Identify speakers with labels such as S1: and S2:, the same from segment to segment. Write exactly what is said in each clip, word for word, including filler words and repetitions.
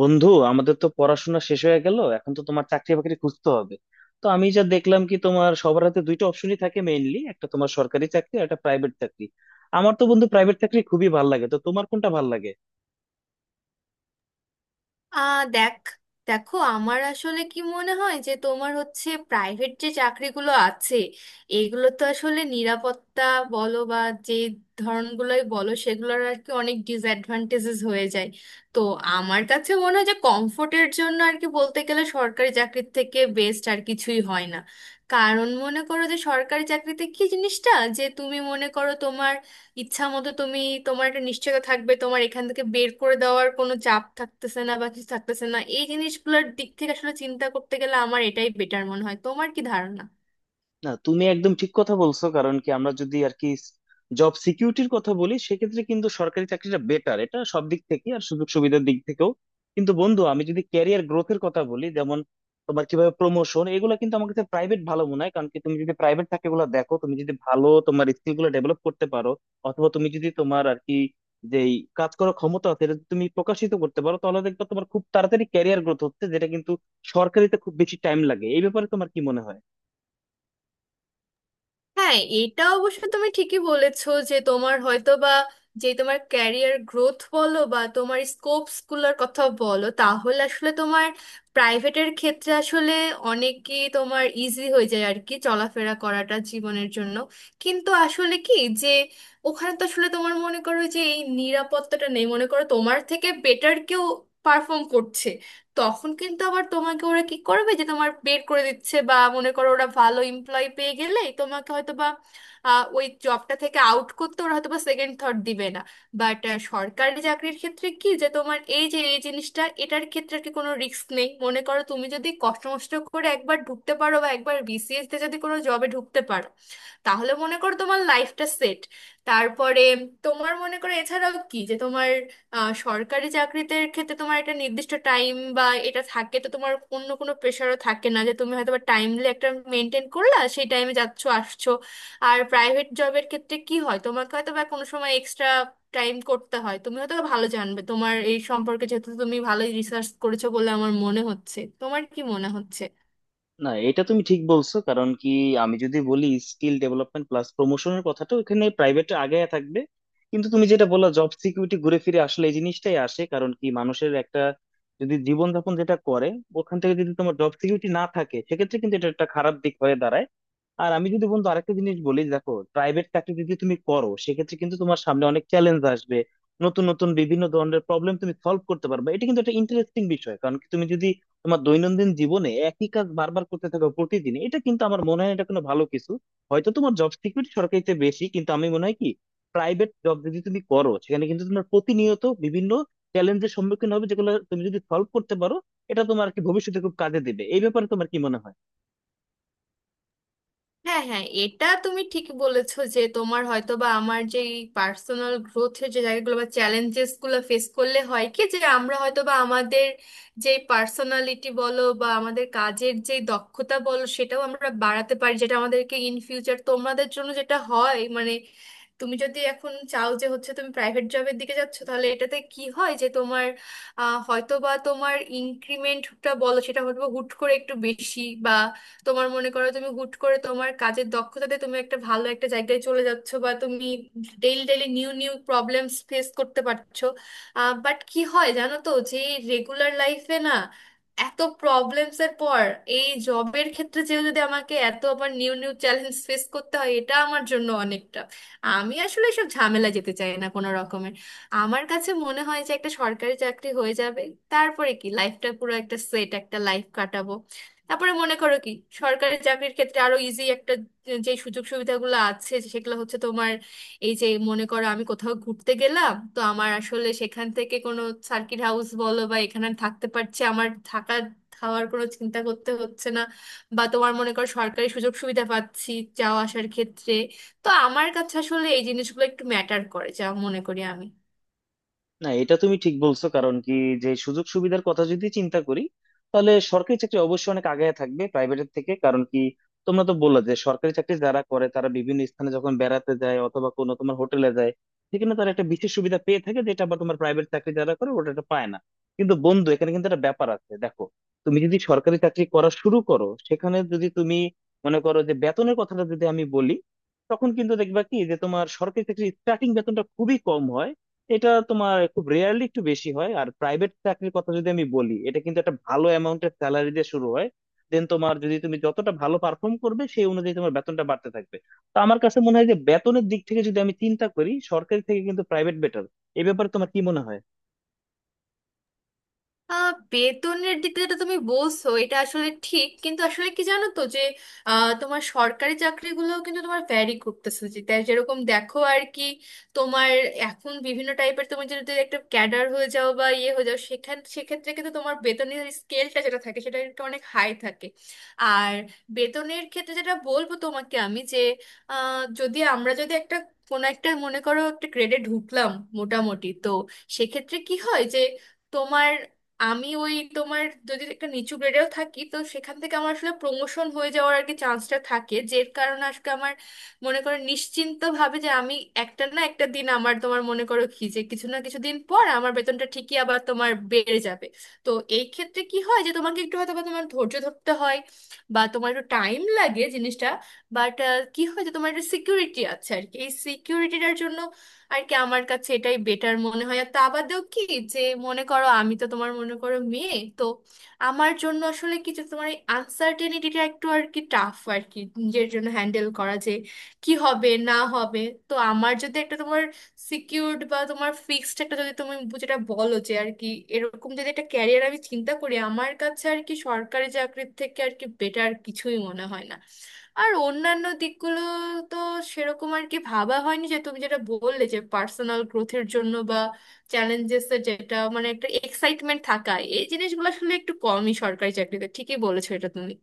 S1: বন্ধু, আমাদের তো পড়াশোনা শেষ হয়ে গেল, এখন তো তোমার চাকরি বাকরি খুঁজতে হবে। তো আমি যা দেখলাম কি, তোমার সবার হাতে দুইটা অপশনই থাকে মেইনলি, একটা তোমার সরকারি চাকরি আর একটা প্রাইভেট চাকরি। আমার তো বন্ধু প্রাইভেট চাকরি খুবই ভালো লাগে, তো তোমার কোনটা ভালো লাগে?
S2: আহ দেখ, দেখো আমার আসলে কি মনে হয় যে তোমার হচ্ছে প্রাইভেট যে চাকরিগুলো আছে, এগুলো তো আসলে নিরাপত্তা বলো বা যে ধরনগুলোই বলো, সেগুলোর আর কি অনেক ডিসঅ্যাডভান্টেজেস হয়ে যায়। তো আমার কাছে মনে হয় যে কমফোর্টের জন্য আর কি বলতে গেলে সরকারি চাকরির থেকে বেস্ট আর কিছুই হয় না। কারণ মনে করো যে সরকারি চাকরিতে কি জিনিসটা, যে তুমি মনে করো তোমার ইচ্ছা মতো তুমি, তোমার একটা নিশ্চয়তা থাকবে, তোমার এখান থেকে বের করে দেওয়ার কোনো চাপ থাকতেছে না বা কিছু থাকতেছে না। এই জিনিসগুলোর দিক থেকে আসলে চিন্তা করতে গেলে আমার এটাই বেটার মনে হয়, তোমার কি ধারণা?
S1: না, তুমি একদম ঠিক কথা বলছো। কারণ কি, আমরা যদি আর কি জব সিকিউরিটির কথা বলি, সেক্ষেত্রে কিন্তু সরকারি চাকরিটা বেটার, এটা সব দিক থেকে আর সুযোগ সুবিধার দিক থেকেও। কিন্তু বন্ধু, আমি যদি ক্যারিয়ার গ্রোথের কথা বলি, যেমন তোমার কিভাবে প্রমোশন, এগুলো কিন্তু আমার কাছে প্রাইভেট ভালো মনে হয়। কারণ কি, তুমি যদি প্রাইভেট থাকে গুলো দেখো, তুমি যদি ভালো তোমার স্কিল গুলো ডেভেলপ করতে পারো অথবা তুমি যদি তোমার আর কি যে কাজ করার ক্ষমতা আছে এটা যদি তুমি প্রকাশিত করতে পারো, তাহলে দেখবে তোমার খুব তাড়াতাড়ি ক্যারিয়ার গ্রোথ হচ্ছে, যেটা কিন্তু সরকারিতে খুব বেশি টাইম লাগে। এই ব্যাপারে তোমার কি মনে হয়?
S2: হ্যাঁ, এটা অবশ্য তুমি ঠিকই বলেছো যে তোমার হয়তো বা, যে তোমার ক্যারিয়ার গ্রোথ বলো বা তোমার স্কোপস গুলোর কথা বলো, তাহলে আসলে তোমার প্রাইভেটের ক্ষেত্রে আসলে অনেকই তোমার ইজি হয়ে যায় আর কি চলাফেরা করাটা জীবনের জন্য। কিন্তু আসলে কি, যে ওখানে তো আসলে তোমার মনে করো যে এই নিরাপত্তাটা নেই, মনে করো তোমার থেকে বেটার কেউ পারফর্ম করছে, তখন কিন্তু আবার তোমাকে ওরা কি করবে যে তোমার বের করে দিচ্ছে, বা মনে করো ওরা ভালো এমপ্লয় পেয়ে গেলেই তোমাকে হয়তো বা আহ, ওই জবটা থেকে আউট করতে ওরা হয়তো বা সেকেন্ড থট দিবে না। বাট সরকারি চাকরির ক্ষেত্রে কি, যে তোমার এই যে এই জিনিসটা, এটার ক্ষেত্রে আর কি কোনো রিস্ক নেই। মনে করো তুমি যদি কষ্ট মষ্ট করে একবার ঢুকতে পারো বা একবার বিসিএস তে যদি কোনো জবে ঢুকতে পারো, তাহলে মনে করো তোমার লাইফটা সেট। তারপরে তোমার মনে করো এছাড়াও কি যে তোমার, আহ, সরকারি চাকরিতে ক্ষেত্রে তোমার একটা নির্দিষ্ট টাইম বা এটা থাকে, তো তোমার অন্য কোনো প্রেশারও থাকে না যে তুমি হয়তো বা টাইমলি একটা মেনটেন করলা, সেই টাইমে যাচ্ছো আসছো। আর প্রাইভেট জবের ক্ষেত্রে কি হয়, তোমাকে হয়তো বা কোনো সময় এক্সট্রা টাইম করতে হয়। তুমি হয়তো ভালো জানবে তোমার এই সম্পর্কে, যেহেতু তুমি ভালোই রিসার্চ করেছো বলে আমার মনে হচ্ছে, তোমার কি মনে হচ্ছে?
S1: না, এটা তুমি ঠিক বলছো। কারণ কি, আমি যদি বলি স্কিল ডেভেলপমেন্ট প্লাস প্রমোশনের কথাটা, ওখানে প্রাইভেটে আগে থাকবে। কিন্তু তুমি যেটা বললা জব সিকিউরিটি, ঘুরে ফিরে আসলে এই জিনিসটাই আসে। কারণ কি, মানুষের একটা যদি জীবনযাপন যেটা করে, ওখান থেকে যদি তোমার জব সিকিউরিটি না থাকে, সেক্ষেত্রে কিন্তু এটা একটা খারাপ দিক হয়ে দাঁড়ায়। আর আমি যদি বন্ধু আরেকটা জিনিস বলি, দেখো, প্রাইভেট চাকরি যদি তুমি করো, সেক্ষেত্রে কিন্তু তোমার সামনে অনেক চ্যালেঞ্জ আসবে, নতুন নতুন বিভিন্ন ধরনের প্রবলেম তুমি সলভ করতে পারবে। এটা কিন্তু একটা ইন্টারেস্টিং বিষয়। কারণ কি, তুমি যদি তোমার দৈনন্দিন জীবনে একই কাজ বারবার করতে থাকো প্রতিদিন, এটা কিন্তু আমার মনে হয় এটা কোনো ভালো কিছু। হয়তো তোমার জব সিকিউরিটি সরকারিতে বেশি, কিন্তু আমি মনে হয় কি প্রাইভেট জব যদি তুমি করো, সেখানে কিন্তু তোমার প্রতিনিয়ত বিভিন্ন চ্যালেঞ্জের সম্মুখীন হবে, যেগুলো তুমি যদি সলভ করতে পারো এটা তোমার আর কি ভবিষ্যতে খুব কাজে দেবে। এই ব্যাপারে তোমার কি মনে হয়?
S2: হ্যাঁ হ্যাঁ, এটা তুমি ঠিক বলেছো যে তোমার হয়তো বা আমার যে পার্সোনাল গ্রোথের যে জায়গাগুলো বা চ্যালেঞ্জেস গুলো ফেস করলে হয় কি যে আমরা হয়তো বা আমাদের যে পার্সোনালিটি বলো বা আমাদের কাজের যে দক্ষতা বলো, সেটাও আমরা বাড়াতে পারি, যেটা আমাদেরকে ইন ফিউচার তোমাদের জন্য যেটা হয় মানে, তুমি যদি এখন চাও যে হচ্ছে তুমি প্রাইভেট জবের দিকে যাচ্ছ, তাহলে এটাতে কি হয় যে তোমার আহ, হয়তো বা তোমার ইনক্রিমেন্টটা বলো, সেটা হয়তো বা হুট করে একটু বেশি, তোমার মনে করো তুমি হুট করে তোমার কাজের দক্ষতাতে তুমি একটা ভালো একটা জায়গায় চলে যাচ্ছ, বা তুমি daily daily new new problems face করতে পারছো। বাট কি হয় জানো তো, যে রেগুলার লাইফে না এত প্রবলেমস এর পর এই জবের ক্ষেত্রে যে যদি আমাকে এত আবার নিউ নিউ চ্যালেঞ্জ ফেস করতে হয়, এটা আমার জন্য অনেকটা, আমি আসলে সব ঝামেলা যেতে চাই না কোনো রকমের। আমার কাছে মনে হয় যে একটা সরকারি চাকরি হয়ে যাবে, তারপরে কি লাইফটা পুরো একটা সেট একটা লাইফ কাটাবো। তারপরে মনে করো কি, সরকারি চাকরির ক্ষেত্রে আরো ইজি একটা, যে সুযোগ সুবিধাগুলো আছে সেগুলো হচ্ছে তোমার, এই যে মনে করো আমি কোথাও ঘুরতে গেলাম, তো আমার আসলে সেখান থেকে কোনো সার্কিট হাউস বলো বা এখানে আমি থাকতে পারছি, আমার থাকা খাওয়ার কোনো চিন্তা করতে হচ্ছে না, বা তোমার মনে করো সরকারি সুযোগ সুবিধা পাচ্ছি যাওয়া আসার ক্ষেত্রে। তো আমার কাছে আসলে এই জিনিসগুলো একটু ম্যাটার করে যা মনে করি আমি।
S1: না, এটা তুমি ঠিক বলছো। কারণ কি, যে সুযোগ সুবিধার কথা যদি চিন্তা করি, তাহলে সরকারি চাকরি অবশ্যই অনেক আগায় থাকবে প্রাইভেটের থেকে। কারণ কি, তোমরা তো বললা যে সরকারি চাকরি যারা করে, তারা বিভিন্ন স্থানে যখন বেড়াতে যায় অথবা কোনো তোমার হোটেলে যায়, সেখানে তারা একটা বিশেষ সুবিধা পেয়ে থাকে, যেটা আবার তোমার প্রাইভেট চাকরি যারা করে ওটা একটা পায় না। কিন্তু বন্ধু, এখানে কিন্তু একটা ব্যাপার আছে দেখো। তুমি যদি সরকারি চাকরি করা শুরু করো, সেখানে যদি তুমি মনে করো যে বেতনের কথাটা যদি আমি বলি, তখন কিন্তু দেখবা কি যে তোমার সরকারি চাকরির স্টার্টিং বেতনটা খুবই কম হয়। এটা তোমার খুব রেয়ারলি একটু বেশি হয়। আর প্রাইভেট চাকরির কথা যদি আমি বলি, এটা কিন্তু একটা ভালো অ্যামাউন্টের স্যালারি দিয়ে শুরু হয়। দেন তোমার, যদি তুমি যতটা ভালো পারফর্ম করবে, সেই অনুযায়ী তোমার বেতনটা বাড়তে থাকবে। তো আমার কাছে মনে হয় যে বেতনের দিক থেকে যদি আমি চিন্তা করি, সরকারি থেকে কিন্তু প্রাইভেট বেটার। এই ব্যাপারে তোমার কি মনে হয়?
S2: আহ বেতনের দিক যেটা তুমি বলছো, এটা আসলে ঠিক, কিন্তু আসলে কি জানো তো যে, আহ, তোমার সরকারি চাকরিগুলোও কিন্তু তোমার ভ্যারি করতেছে যে, তাই যেরকম দেখো আর কি, তোমার এখন বিভিন্ন টাইপের, তুমি যদি একটা ক্যাডার হয়ে যাও বা ইয়ে হয়ে যাও, সেখান সেক্ষেত্রে কিন্তু তোমার বেতনের স্কেলটা যেটা থাকে সেটা কিন্তু অনেক হাই থাকে। আর বেতনের ক্ষেত্রে যেটা বলবো তোমাকে আমি যে, আহ, যদি আমরা যদি একটা কোনো একটা মনে করো একটা গ্রেডে ঢুকলাম মোটামুটি, তো সেক্ষেত্রে কি হয় যে তোমার, আমি ওই তোমার, যদি একটা নিচু গ্রেডেও থাকি, তো সেখান থেকে আমার আসলে প্রমোশন হয়ে যাওয়ার আর কি চান্সটা থাকে, যের কারণে আজকে আমার মনে করো নিশ্চিন্ত ভাবে যে আমি একটা না একটা দিন আমার তোমার মনে করো কি, যে কিছু না কিছু দিন পর আমার বেতনটা ঠিকই আবার তোমার বেড়ে যাবে। তো এই ক্ষেত্রে কি হয় যে তোমাকে একটু হয়তো বা তোমার ধৈর্য ধরতে হয় বা তোমার একটু টাইম লাগে জিনিসটা। বাট কি হয় যে তোমার একটা সিকিউরিটি আছে আর কি, এই সিকিউরিটিটার জন্য আর কি আমার কাছে এটাই বেটার মনে হয়। আর তা বাদেও কি, যে মনে করো আমি তো তোমার মনে করো মেয়ে, তো আমার জন্য আসলে কিছু তোমার এই আনসার্টেনিটিটা একটু আর কি টাফ আর কি নিজের জন্য হ্যান্ডেল করা, যে কি হবে না হবে। তো আমার যদি একটা তোমার সিকিউরড বা তোমার ফিক্সড একটা, যদি তুমি যেটা বলো যে আর কি এরকম যদি একটা ক্যারিয়ার আমি চিন্তা করি, আমার কাছে আর কি সরকারি চাকরির থেকে আর কি বেটার কিছুই মনে হয় না। আর অন্যান্য দিকগুলো তো সেরকম আর কি ভাবা হয়নি, যে তুমি যেটা বললে যে পার্সোনাল গ্রোথের জন্য বা চ্যালেঞ্জেস এর যেটা মানে একটা এক্সাইটমেন্ট থাকা, এই জিনিসগুলো আসলে একটু কমই সরকারি চাকরিতে, ঠিকই বলেছো এটা তুমি।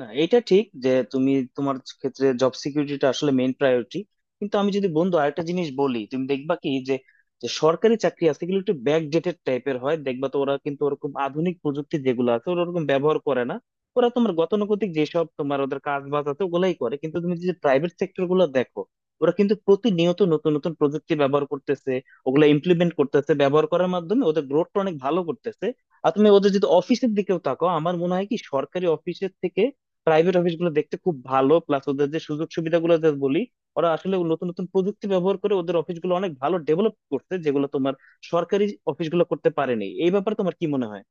S1: না, এটা ঠিক যে তুমি তোমার ক্ষেত্রে জব সিকিউরিটিটা আসলে মেইন প্রায়োরিটি। কিন্তু আমি যদি বন্ধু আরেকটা জিনিস বলি, তুমি দেখবা কি যে, যে সরকারি চাকরি আছে এগুলো একটু ব্যাকডেটেড টাইপের হয়। দেখবা তো, ওরা কিন্তু ওরকম আধুনিক প্রযুক্তি যেগুলো আছে ওরা ওরকম ব্যবহার করে না। ওরা তোমার গতানুগতিক যেসব তোমার ওদের কাজ বাজ আছে ওগুলাই করে। কিন্তু তুমি যদি প্রাইভেট সেক্টর গুলো দেখো, ওরা কিন্তু প্রতিনিয়ত নতুন নতুন প্রযুক্তি ব্যবহার করতেছে, ওগুলা ইমপ্লিমেন্ট করতেছে, ব্যবহার করার মাধ্যমে ওদের গ্রোথটা অনেক ভালো করতেছে। আর তুমি ওদের যদি অফিসের দিকেও তাকাও, আমার মনে হয় কি সরকারি অফিসের থেকে প্রাইভেট অফিস গুলো দেখতে খুব ভালো। প্লাস ওদের যে সুযোগ সুবিধাগুলো যে বলি, ওরা আসলে নতুন নতুন প্রযুক্তি ব্যবহার করে ওদের অফিসগুলো অনেক ভালো ডেভেলপ করছে, যেগুলো তোমার সরকারি অফিসগুলো করতে পারেনি। এই ব্যাপারে তোমার কি মনে হয়?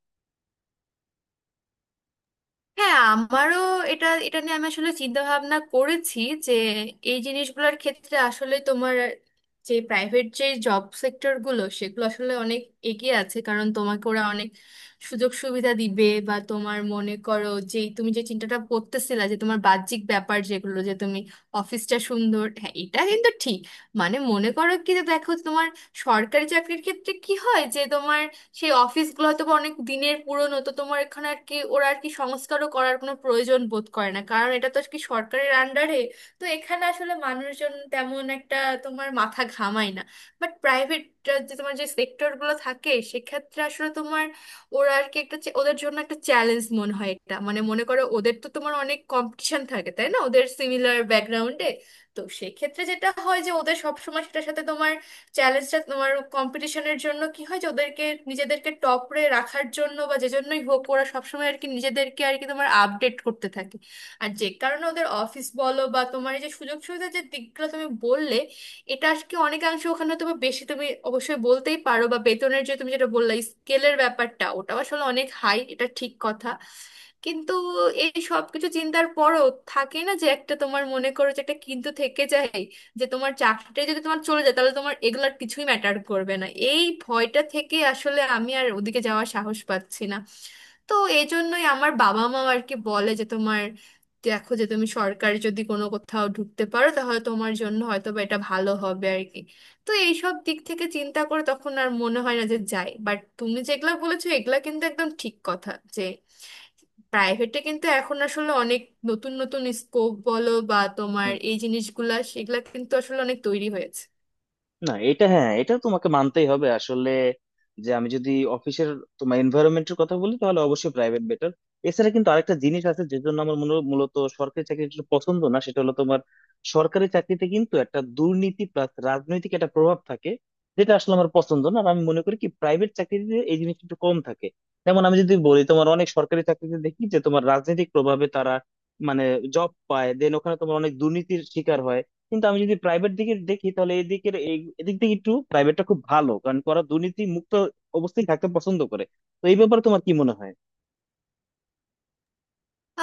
S2: হ্যাঁ, আমারও এটা এটা নিয়ে আমি আসলে চিন্তা ভাবনা করেছি, যে এই জিনিসগুলোর ক্ষেত্রে আসলে তোমার যে প্রাইভেট যে জব সেক্টর গুলো, সেগুলো আসলে অনেক এগিয়ে আছে, কারণ তোমাকে ওরা অনেক সুযোগ সুবিধা দিবে বা তোমার মনে করো যে তুমি যে চিন্তাটা করতেছিলা যে তোমার বাহ্যিক ব্যাপার যেগুলো, যে তুমি অফিসটা সুন্দর, হ্যাঁ এটা কিন্তু ঠিক। মানে মনে করো কি যে, দেখো তোমার সরকারি চাকরির ক্ষেত্রে কি হয় যে তোমার সেই অফিসগুলো হয়তো বা অনেক দিনের পুরনো, তো তোমার এখানে আর কি ওরা আর কি সংস্কারও করার কোনো প্রয়োজন বোধ করে না, কারণ এটা তো আর কি সরকারের আন্ডারে। তো এখানে আসলে মানুষজন তেমন একটা তোমার মাথা ঘামায় না। বাট প্রাইভেট যে তোমার যে সেক্টরগুলো থাকে, সেক্ষেত্রে আসলে তোমার ওরা আর কি একটা চ্যা- ওদের জন্য একটা চ্যালেঞ্জ মনে হয় এটা, মানে মনে করো ওদের তো তোমার অনেক কম্পিটিশন থাকে তাই না, ওদের সিমিলার ব্যাকগ্রাউন্ডে। তো সেক্ষেত্রে যেটা হয় যে ওদের সবসময় সেটার সাথে তোমার চ্যালেঞ্জটা, তোমার কম্পিটিশনের জন্য কি হয় যে ওদেরকে নিজেদেরকে টপরে রাখার জন্য বা যে জন্যই হোক ওরা সবসময় আর কি নিজেদেরকে আর কি তোমার আপডেট করতে থাকে। আর যে কারণে ওদের অফিস বলো বা তোমার এই যে সুযোগ সুবিধার যে দিকগুলো তুমি বললে, এটা আর কি অনেকাংশে ওখানে তুমি বেশি তুমি অবশ্যই বলতেই পারো, বা বেতনের যে তুমি যেটা বললে স্কেলের ব্যাপারটা ওটা আসলে অনেক হাই, এটা ঠিক কথা। কিন্তু এই সব কিছু চিন্তার পরও থাকে না, যে একটা তোমার মনে করো যে একটা কিন্তু থেকে যায় যে তোমার চাকরিটা যদি তোমার চলে যায় তাহলে তোমার এগুলার কিছুই ম্যাটার করবে না, এই ভয়টা থেকে আসলে আমি আর ওদিকে যাওয়ার সাহস পাচ্ছি না। তো এই জন্যই আমার বাবা মা আর কি বলে যে তোমার দেখো যে তুমি সরকারি যদি কোনো কোথাও ঢুকতে পারো, তাহলে তোমার জন্য হয়তো বা এটা ভালো হবে আর কি। তো এইসব দিক থেকে চিন্তা করে তখন আর মনে হয় না যে যাই, বাট তুমি যেগুলা বলেছো এগুলা কিন্তু একদম ঠিক কথা, যে প্রাইভেটে কিন্তু এখন আসলে অনেক নতুন নতুন স্কোপ বলো বা তোমার
S1: হুম।
S2: এই জিনিসগুলা, সেগুলা কিন্তু আসলে অনেক তৈরি হয়েছে।
S1: না, এটা, হ্যাঁ, এটা তোমাকে মানতেই হবে আসলে। যে, আমি যদি অফিসের তোমার এনভায়রনমেন্টের কথা বলি, তাহলে অবশ্যই প্রাইভেট বেটার। এছাড়া কিন্তু আরেকটা জিনিস আছে, যে জন্য আমার মূল- মূলত সরকারি চাকরিটা একটু পছন্দ না, সেটা হলো তোমার সরকারি চাকরিতে কিন্তু একটা দুর্নীতি প্লাস রাজনৈতিক একটা প্রভাব থাকে, যেটা আসলে আমার পছন্দ না। আর আমি মনে করি কি প্রাইভেট চাকরিতে এই জিনিসটা একটু কম থাকে। যেমন আমি যদি বলি, তোমার অনেক সরকারি চাকরিতে দেখি যে তোমার রাজনৈতিক প্রভাবে তারা মানে জব পায়, দেন ওখানে তোমার অনেক দুর্নীতির শিকার হয়। কিন্তু আমি যদি প্রাইভেট দিকে দেখি, তাহলে এদিকের এই- এদিক থেকে একটু প্রাইভেটটা খুব ভালো, কারণ ওরা দুর্নীতি মুক্ত অবস্থায় থাকতে পছন্দ করে। তো এই ব্যাপারে তোমার কি মনে হয়?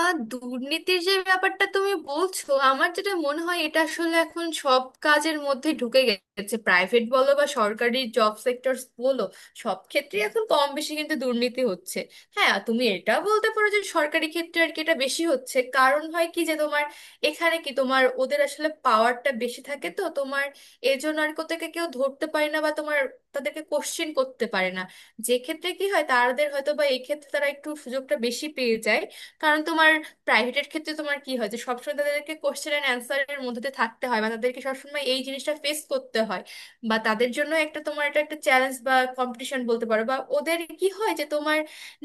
S2: আহ দুর্নীতির যে ব্যাপারটা তুমি বলছো, আমার যেটা মনে হয় এটা আসলে এখন সব কাজের মধ্যে ঢুকে গেছে, প্রাইভেট বলো বা সরকারি জব সেক্টরস বলো, সব ক্ষেত্রে এখন কম বেশি কিন্তু দুর্নীতি হচ্ছে। হ্যাঁ, তুমি এটা বলতে পারো যে সরকারি ক্ষেত্রে আর কি এটা বেশি হচ্ছে, কারণ হয় কি যে তোমার এখানে কি তোমার ওদের আসলে পাওয়ারটা বেশি থাকে, তো তোমার এজন্য আর কোথাকে কেউ ধরতে পারে না বা তোমার তাদেরকে কোশ্চেন করতে পারে না। যে ক্ষেত্রে কি হয় তাদের হয়তো বা এই ক্ষেত্রে তারা একটু সুযোগটা বেশি পেয়ে যায়। কারণ তোমার প্রাইভেটের ক্ষেত্রে তোমার কি হয়, যে সবসময় তাদেরকে কোশ্চেন অ্যান্ড অ্যান্সারের মধ্যে দিয়ে থাকতে হয় বা তাদেরকে সবসময় এই জিনিসটা ফেস করতে হয়, বা তাদের জন্য একটা তোমার এটা একটা চ্যালেঞ্জ বা কম্পিটিশন বলতে পারো, বা ওদের কি হয় যে তোমার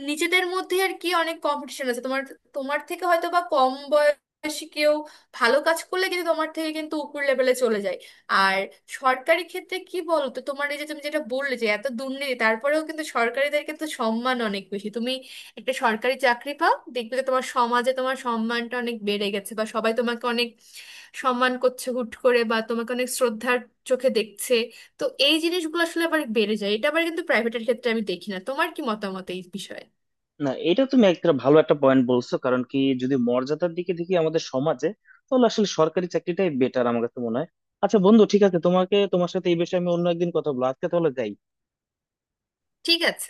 S2: নিজেদের মধ্যে আর কি অনেক কম্পিটিশন আছে। তোমার তোমার থেকে হয়তো বা কম বয়সী কেউ ভালো কাজ করলে কিন্তু তোমার থেকে কিন্তু উপর লেভেলে চলে যায়। আর সরকারি ক্ষেত্রে কি বলতো, তোমার এই যে তুমি যেটা বললে যে এত দুর্নীতি, তারপরেও কিন্তু সরকারিদের কিন্তু সম্মান অনেক বেশি। তুমি একটা সরকারি চাকরি পাও, দেখবে যে তোমার সমাজে তোমার সম্মানটা অনেক বেড়ে গেছে, বা সবাই তোমাকে অনেক সম্মান করছে হুট করে, বা তোমাকে অনেক শ্রদ্ধার চোখে দেখছে। তো এই জিনিসগুলো আসলে আবার বেড়ে যায়, এটা আবার কিন্তু প্রাইভেটের ক্ষেত্রে আমি দেখি না। তোমার কি মতামত এই বিষয়ে?
S1: না, এটা তুমি একটা ভালো একটা পয়েন্ট বলছো। কারণ কি, যদি মর্যাদার দিকে দেখি আমাদের সমাজে, তাহলে আসলে সরকারি চাকরিটাই বেটার আমার কাছে মনে হয়। আচ্ছা বন্ধু, ঠিক আছে, তোমাকে, তোমার সাথে এই বিষয়ে আমি অন্য একদিন কথা বলবো। আজকে তাহলে যাই।
S2: ঠিক আছে।